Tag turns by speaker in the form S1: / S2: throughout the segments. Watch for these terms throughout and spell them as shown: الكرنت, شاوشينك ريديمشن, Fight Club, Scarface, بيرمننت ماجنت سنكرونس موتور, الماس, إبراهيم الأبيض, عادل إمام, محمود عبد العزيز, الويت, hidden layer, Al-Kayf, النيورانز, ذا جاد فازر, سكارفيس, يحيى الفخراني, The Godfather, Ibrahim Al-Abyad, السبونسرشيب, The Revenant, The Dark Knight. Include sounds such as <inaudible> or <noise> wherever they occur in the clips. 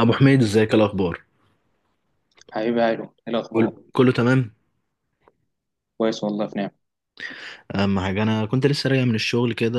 S1: ابو حميد، ازيك؟ إيه الاخبار؟
S2: حبيبي هايلو، ايه الاخبار؟
S1: كله تمام.
S2: كويس، والله في نعمه.
S1: اما حاجه، انا كنت لسه راجع من الشغل كده.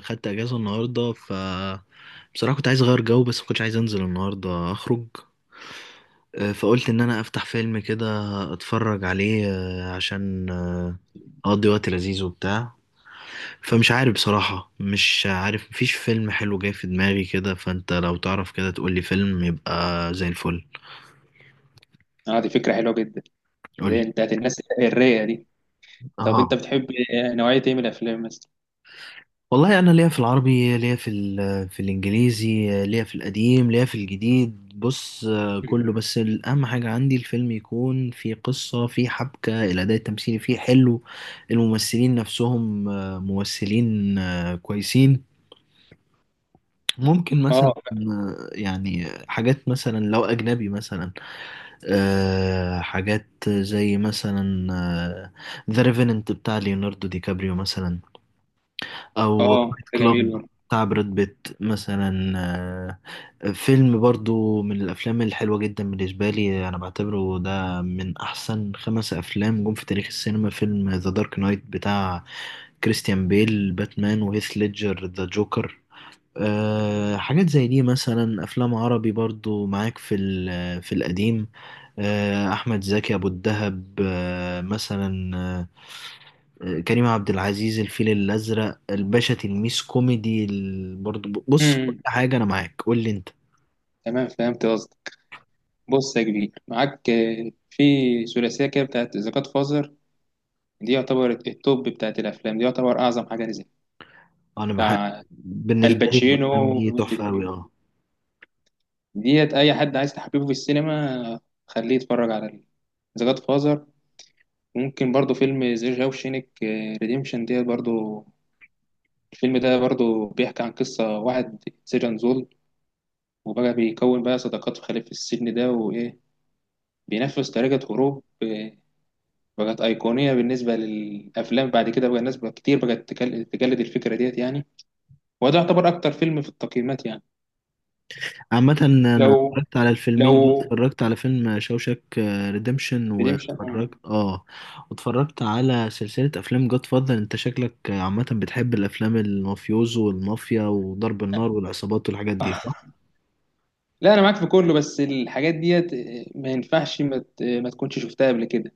S1: خدت اجازه النهارده، ف بصراحه كنت عايز اغير جو، بس ما كنتش عايز انزل النهارده اخرج. فقلت ان انا افتح فيلم كده، اتفرج عليه. عشان اقضي وقت لذيذ وبتاع. فمش عارف بصراحه، مش عارف، مفيش فيلم حلو جاي في دماغي كده. فانت لو تعرف كده، تقولي فيلم يبقى زي الفل.
S2: اه، دي فكره حلوه جدا. اللي هي
S1: قولي.
S2: بتاعت الناس الرايقه دي. طب انت
S1: اه،
S2: بتحب نوعيه ايه من الافلام مثلا؟
S1: والله انا ليا في العربي، ليا في في الانجليزي، ليا في القديم، ليا في الجديد. بص،
S2: <laughs> مم.
S1: كله، بس الاهم حاجه عندي الفيلم يكون فيه قصه، فيه حبكه، الاداء التمثيلي فيه حلو. الممثلين نفسهم ممثلين كويسين. ممكن
S2: اه،
S1: مثلا يعني حاجات مثلا لو اجنبي مثلا. حاجات زي مثلا ذا ريفيننت بتاع ليوناردو دي كابريو مثلا، او
S2: اه،
S1: فايت
S2: ده جميل
S1: كلاب
S2: برضه.
S1: بتاع براد بيت مثلا. فيلم برضو من الافلام الحلوه جدا بالنسبه لي، انا بعتبره ده من احسن خمس افلام جم في تاريخ السينما، فيلم ذا دارك نايت بتاع كريستيان بيل باتمان وهيث ليدجر ذا جوكر. حاجات زي دي مثلا. افلام عربي برضو معاك في في القديم. احمد زكي ابو الدهب، مثلا، كريم عبد العزيز الفيل الأزرق الباشا تلميذ كوميدي برضه بص، كل
S2: امم
S1: حاجة أنا معاك. قول لي أنت.
S2: تمام، فهمت قصدك. بص يا كبير، معاك في ثلاثيه كده بتاعت ذا جاد فازر. دي يعتبر التوب بتاعت الافلام، دي يعتبر اعظم حاجه نزلت،
S1: أنا بحب
S2: بتاع
S1: بالنسبة لي
S2: الباتشينو
S1: الأفلام دي
S2: والروبرت
S1: تحفة أوي
S2: دي.
S1: أه
S2: ديت اي حد عايز تحببه في السينما خليه يتفرج على ذا جاد فازر. ممكن برضو فيلم زي شاوشينك ريديمشن ديت برضو. الفيلم ده برضو بيحكي عن قصة واحد سجن زول، وبقى بيكون بقى صداقات في خلف السجن ده، وإيه بينفذ طريقة هروب بقت أيقونية بالنسبة للأفلام. بعد كده بقى الناس بقى كتير بقت تجلد الفكرة ديت يعني. وده يعتبر أكتر فيلم في التقييمات يعني.
S1: عامة، أنا
S2: لو
S1: اتفرجت على الفيلمين دول.
S2: لو
S1: اتفرجت على فيلم شوشك ريديمشن،
S2: ريديمشن.
S1: واتفرجت واتفرجت على سلسلة أفلام جود فاذر. أنت شكلك عامة بتحب الأفلام المافيوزو والمافيا وضرب النار والعصابات والحاجات دي، صح؟
S2: <laughs> لا، انا معاك في كله، بس الحاجات ديت ما ينفعش ما تكونش شفتها قبل كده.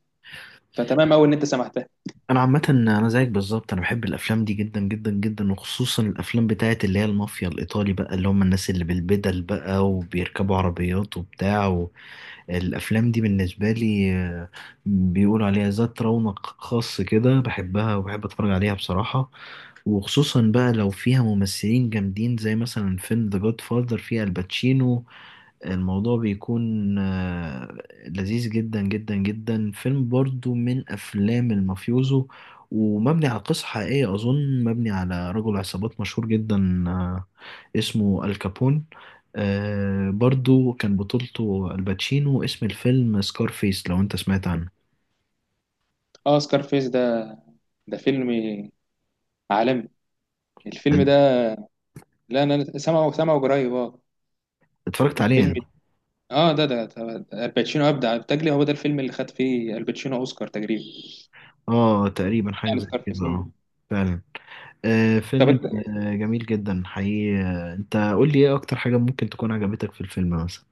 S2: فتمام قوي ان انت سمعتها.
S1: انا عامه، انا زيك بالظبط، انا بحب الافلام دي جدا جدا جدا، وخصوصا الافلام بتاعت اللي هي المافيا الايطالي بقى، اللي هم الناس اللي بالبدل بقى وبيركبوا عربيات وبتاع الافلام دي بالنسبه لي بيقولوا عليها ذات رونق خاص كده، بحبها وبحب اتفرج عليها بصراحه، وخصوصا بقى لو فيها ممثلين جامدين زي مثلا فيلم ذا جاد فاذر فيه الباتشينو. الموضوع بيكون لذيذ جدا جدا جدا. فيلم برضو من أفلام المافيوزو ومبني على قصة حقيقية، أظن مبني على رجل عصابات مشهور جدا اسمه الكابون. برضو كان بطولته الباتشينو، اسم الفيلم سكارفيس، لو أنت سمعت عنه.
S2: اه، سكارفيس ده فيلم عالمي، الفيلم ده. لا، انا سامعه سامعه قريب، اه.
S1: اتفرجت عليه
S2: فيلم،
S1: أنت؟
S2: اه الباتشينو ابدع بتجلي، هو ده الفيلم اللي خد فيه الباتشينو اوسكار تقريبا.
S1: اه، تقريبا حاجة
S2: يعني
S1: زي
S2: سكارفيس.
S1: كده، اه.
S2: مم.
S1: فعلا.
S2: طب
S1: فيلم
S2: انت.
S1: جميل جدا حقيقي. انت قول لي ايه اكتر حاجة ممكن تكون عجبتك في الفيلم مثلا.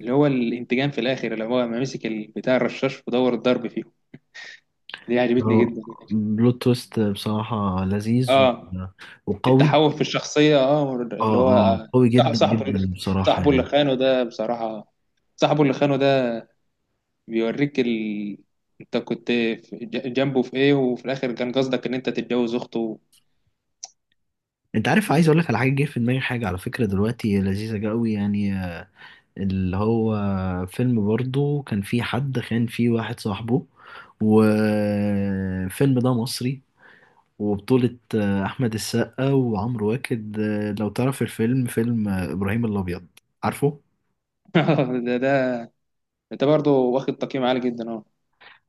S2: اللي هو الانتقام في الاخر، اللي هو ما مسك بتاع الرشاش ودور الضرب فيه. دي عجبتني
S1: اه،
S2: جدا.
S1: بلوت تويست بصراحة لذيذ
S2: اه،
S1: وقوي.
S2: التحول في الشخصيه، اه اللي
S1: اه،
S2: هو
S1: اه، قوي جدا
S2: صاحبه.
S1: جدا بصراحة،
S2: صاحبه اللي
S1: يعني.
S2: خانه ده، بصراحه، صاحبه اللي خانه ده بيوريك انت كنت جنبه في ايه، وفي الاخر كان قصدك ان انت تتجوز اخته.
S1: انت عارف عايز اقول لك على حاجة جه في دماغي، حاجة على فكرة دلوقتي لذيذة قوي يعني. اللي هو فيلم برضو كان فيه حد خان فيه واحد صاحبه، والفيلم ده مصري، وبطولة أحمد السقا وعمرو واكد. لو تعرف الفيلم، فيلم إبراهيم الأبيض، عارفه؟
S2: <laughs> ده. انت برضه واخد تقييم عالي جدا، اه.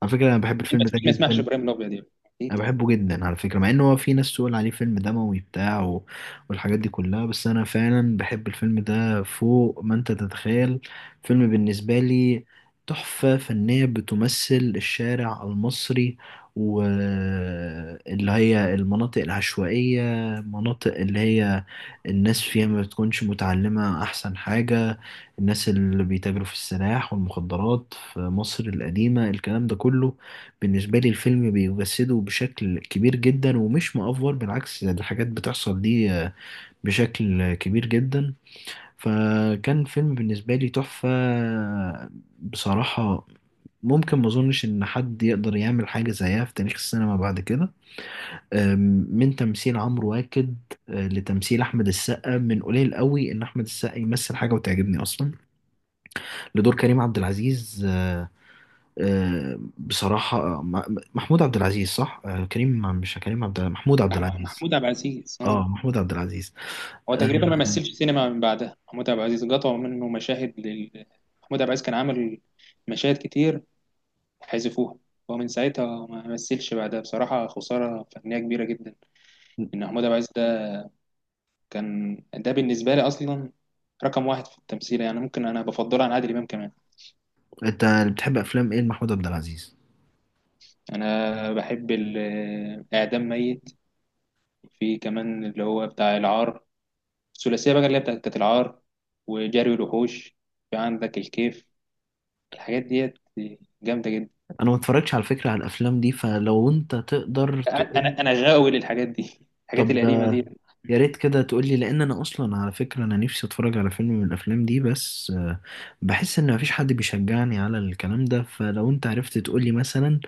S1: على فكرة أنا بحب
S2: مين
S1: الفيلم
S2: ما مين
S1: ده
S2: ما يسمعش
S1: جدا.
S2: ابراهيم الابيض يعني. ايه
S1: انا
S2: طب.
S1: بحبه جدا على فكره، مع ان هو في ناس تقول عليه فيلم دموي بتاع والحاجات دي كلها، بس انا فعلا بحب الفيلم ده فوق ما انت تتخيل. فيلم بالنسبه لي تحفه فنيه بتمثل الشارع المصري، واللي هي المناطق العشوائيه، مناطق اللي هي الناس فيها ما بتكونش متعلمه، احسن حاجه الناس اللي بيتاجروا في السلاح والمخدرات في مصر القديمه. الكلام ده كله بالنسبة لي الفيلم بيجسده بشكل كبير جدا، ومش مأفور، بالعكس، ده الحاجات بتحصل دي بشكل كبير جدا. فكان فيلم بالنسبة لي تحفة بصراحة. ممكن ما اظنش ان حد يقدر يعمل حاجة زيها في تاريخ السينما بعد كده. آم، من تمثيل عمرو واكد لتمثيل احمد السقا، من قليل قوي ان احمد السقا يمثل حاجة وتعجبني اصلا، لدور كريم عبد العزيز. بصراحة محمود عبد العزيز، صح؟ كريم مش كريم عبد، محمود عبد العزيز.
S2: محمود عبد العزيز، اه.
S1: اه، محمود عبد العزيز.
S2: هو تقريبا
S1: آه،
S2: ما مثلش سينما من بعدها. محمود عبد العزيز قطعوا منه مشاهد محمود عبد العزيز كان عامل مشاهد كتير، حذفوها. ومن ساعتها ما مثلش بعدها، بصراحة خسارة فنية كبيرة جدا إن محمود عبد العزيز كان ده. بالنسبة لي أصلا رقم 1 في التمثيل، يعني ممكن أنا بفضله عن عادل إمام كمان.
S1: انت بتحب افلام ايه لمحمود عبد العزيز؟
S2: أنا بحب ال- إعدام ميت في كمان اللي هو بتاع العار الثلاثية بقى اللي هي بتاعت بتاعت العار وجري الوحوش في عندك الكيف الحاجات ديت جامدة جدا
S1: انا ما اتفرجتش على فكرة على الافلام دي، فلو انت تقدر تقول.
S2: أنا غاوي للحاجات دي، الحاجات
S1: طب ده،
S2: القديمة دي.
S1: يا ريت كده تقولي، لان انا اصلا على فكره انا نفسي اتفرج على فيلم من الافلام دي، بس بحس ان مفيش حد بيشجعني على الكلام ده. فلو انت عرفت تقولي مثلا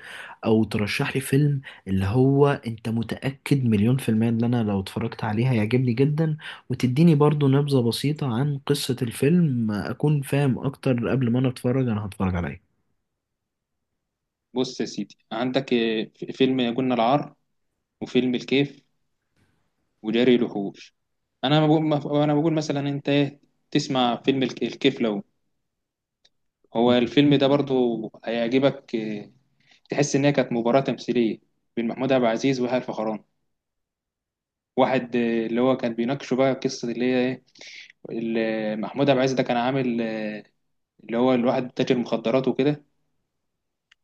S1: او ترشح لي فيلم، اللي هو انت متاكد مليون في الميه ان انا لو اتفرجت عليه هيعجبني جدا، وتديني برضو نبذه بسيطه عن قصه الفيلم، اكون فاهم اكتر قبل ما انا اتفرج انا هتفرج على ايه.
S2: بص يا سيدي، عندك فيلم يا جن العار، وفيلم الكيف، وجري الوحوش. انا بقول انا بقول مثلا، انت إيه، تسمع فيلم الكيف. لو هو الفيلم ده برضو هيعجبك، تحس إنها كانت مباراة تمثيلية بين محمود عبد العزيز ويحيى الفخراني. واحد اللي هو كان بيناقشه بقى قصة اللي هي إيه، اللي محمود عبد العزيز ده كان عامل اللي هو الواحد تاجر مخدرات وكده.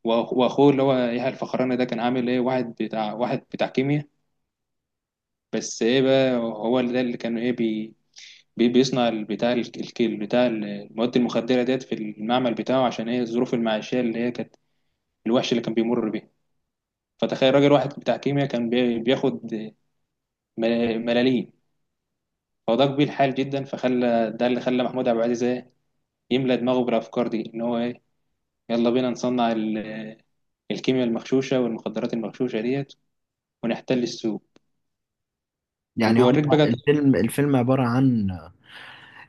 S2: وأخوه اللي هو يحيى الفخراني ده كان عامل إيه، واحد بتاع كيمياء. بس إيه بقى، هو اللي ده اللي كان إيه بيصنع بتاع الكيل بتاع المواد المخدرة ديت في المعمل بتاعه، عشان إيه الظروف المعيشية اللي هي كانت الوحش اللي كان بيمر بيها. فتخيل راجل واحد بتاع كيمياء كان بياخد ملاليم، فده كبير الحال جدا، فخلى ده اللي خلى محمود عبد العزيز إيه؟ يملى دماغه بالافكار دي ان هو ايه، يلا بينا نصنع الكيمياء المغشوشه والمخدرات المغشوشه ديت ونحتل السوق.
S1: يعني هو
S2: وبيوريك بقى،
S1: الفيلم عباره عن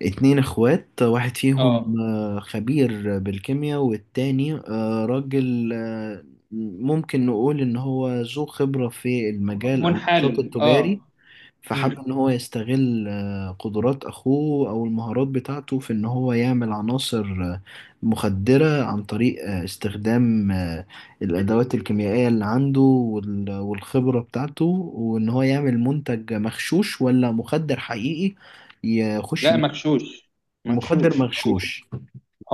S1: 2 اخوات، واحد فيهم
S2: اه،
S1: خبير بالكيمياء، والتاني راجل، ممكن نقول ان هو ذو خبرة في المجال او النشاط
S2: منحل،
S1: التجاري.
S2: اه.
S1: فحب
S2: امم.
S1: ان هو يستغل قدرات اخوه او المهارات بتاعته في ان هو يعمل عناصر مخدرة عن طريق استخدام الادوات الكيميائية اللي عنده والخبرة بتاعته، وان هو يعمل منتج مغشوش ولا مخدر حقيقي يخش.
S2: لا، مغشوش،
S1: مخدر
S2: مغشوش. هو
S1: مغشوش.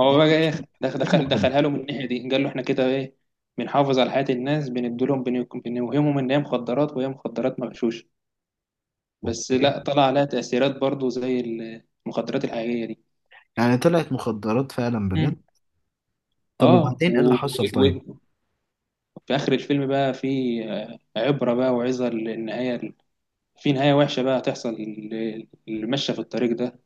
S2: هو بقى ايه؟
S1: مش مخدر.
S2: دخلها له من الناحيه دي، قال له احنا كده ايه، بنحافظ على حياه الناس، بندولهم بنوهمهم ان هي مخدرات وهي مخدرات مغشوشه. بس
S1: اوكي،
S2: لا، طلع عليها تأثيرات برضو زي المخدرات الحقيقية دي.
S1: يعني طلعت مخدرات فعلا بجد؟
S2: مم.
S1: طب
S2: اه
S1: وبعدين ايه اللي حصل، طيب؟
S2: و- وفي آخر الفيلم بقى في عبرة بقى وعظة للنهاية. في نهاية وحشة بقى هتحصل اللي ماشية في الطريق ده.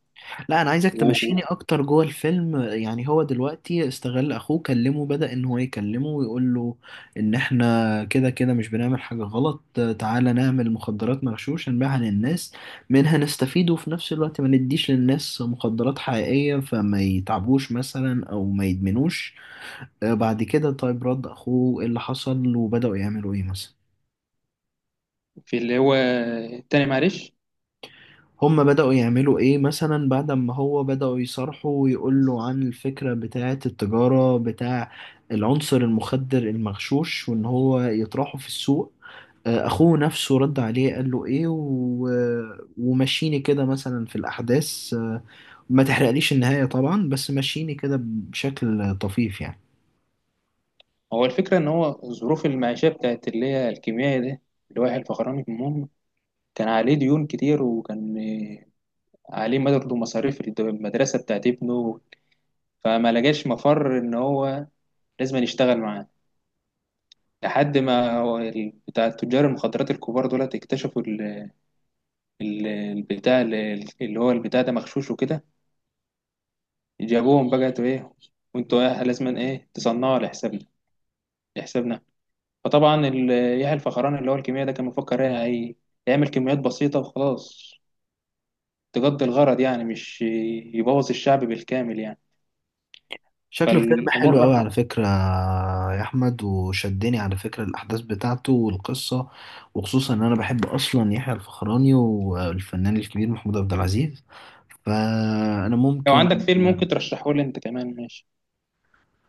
S1: لا، انا عايزك تمشيني
S2: وفي
S1: اكتر جوه الفيلم. يعني هو دلوقتي استغل اخوه، كلمه، بدأ ان هو يكلمه ويقول له ان احنا كده كده مش بنعمل حاجة غلط، تعالى نعمل مخدرات مغشوش نبيعها للناس، منها نستفيد، وفي نفس الوقت ما نديش للناس مخدرات حقيقية فما يتعبوش مثلا او ما يدمنوش. بعد كده، طيب، رد اخوه ايه اللي حصل، وبدأوا يعملوا ايه مثلا؟
S2: اللي هو، تاني معلش.
S1: هم بدأوا يعملوا ايه مثلا بعد ما هو بدأوا يصرحوا ويقولوا عن الفكرة بتاعة التجارة بتاع العنصر المخدر المغشوش، وان هو يطرحه في السوق؟ اخوه نفسه رد عليه قال له ايه ومشيني كده مثلا في الاحداث. ما تحرقليش النهاية طبعا، بس مشيني كده بشكل طفيف يعني.
S2: هو الفكرة إن هو الظروف المعيشية بتاعت اللي هي الكيميائي ده، اللي هو يحيى الفخراني، المهم كان عليه ديون كتير، وكان عليه برضه مصاريف المدرسة بتاعت ابنه، فما لقاش مفر إن هو لازم يشتغل معاه. لحد ما هو بتاع تجار المخدرات الكبار دول اكتشفوا اللي هو البتاع ده مغشوش وكده. جابوهم بقى، تو ايه وانتوا ايه لازما ايه تصنعوا لحسابنا لحسابنا. فطبعا يحيى الفخراني اللي هو الكيمياء ده كان مفكر ايه يعمل كميات بسيطة وخلاص، تقضي الغرض، يعني مش يبوظ الشعب بالكامل يعني.
S1: شكله فيلم
S2: فالأمور
S1: حلو قوي
S2: راح.
S1: على فكرة يا أحمد، وشدني على فكرة الأحداث بتاعته والقصة، وخصوصا إن أنا بحب أصلا يحيى الفخراني والفنان الكبير محمود عبد العزيز. فأنا
S2: لو
S1: ممكن
S2: عندك فيلم ممكن ترشحه لي انت كمان ماشي.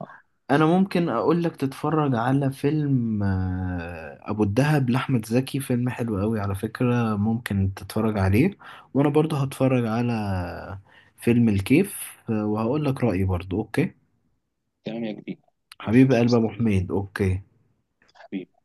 S2: اه،
S1: أنا ممكن أقول لك تتفرج على فيلم أبو الدهب لأحمد زكي، فيلم حلو قوي على فكرة ممكن تتفرج عليه. وأنا برضه هتفرج على فيلم الكيف، وهقول لك رأيي برضه. أوكي،
S2: تمام يا كبير. ماشي،
S1: حبيب قلب أبو
S2: مستني،
S1: حميد. أوكي.
S2: حبيبي.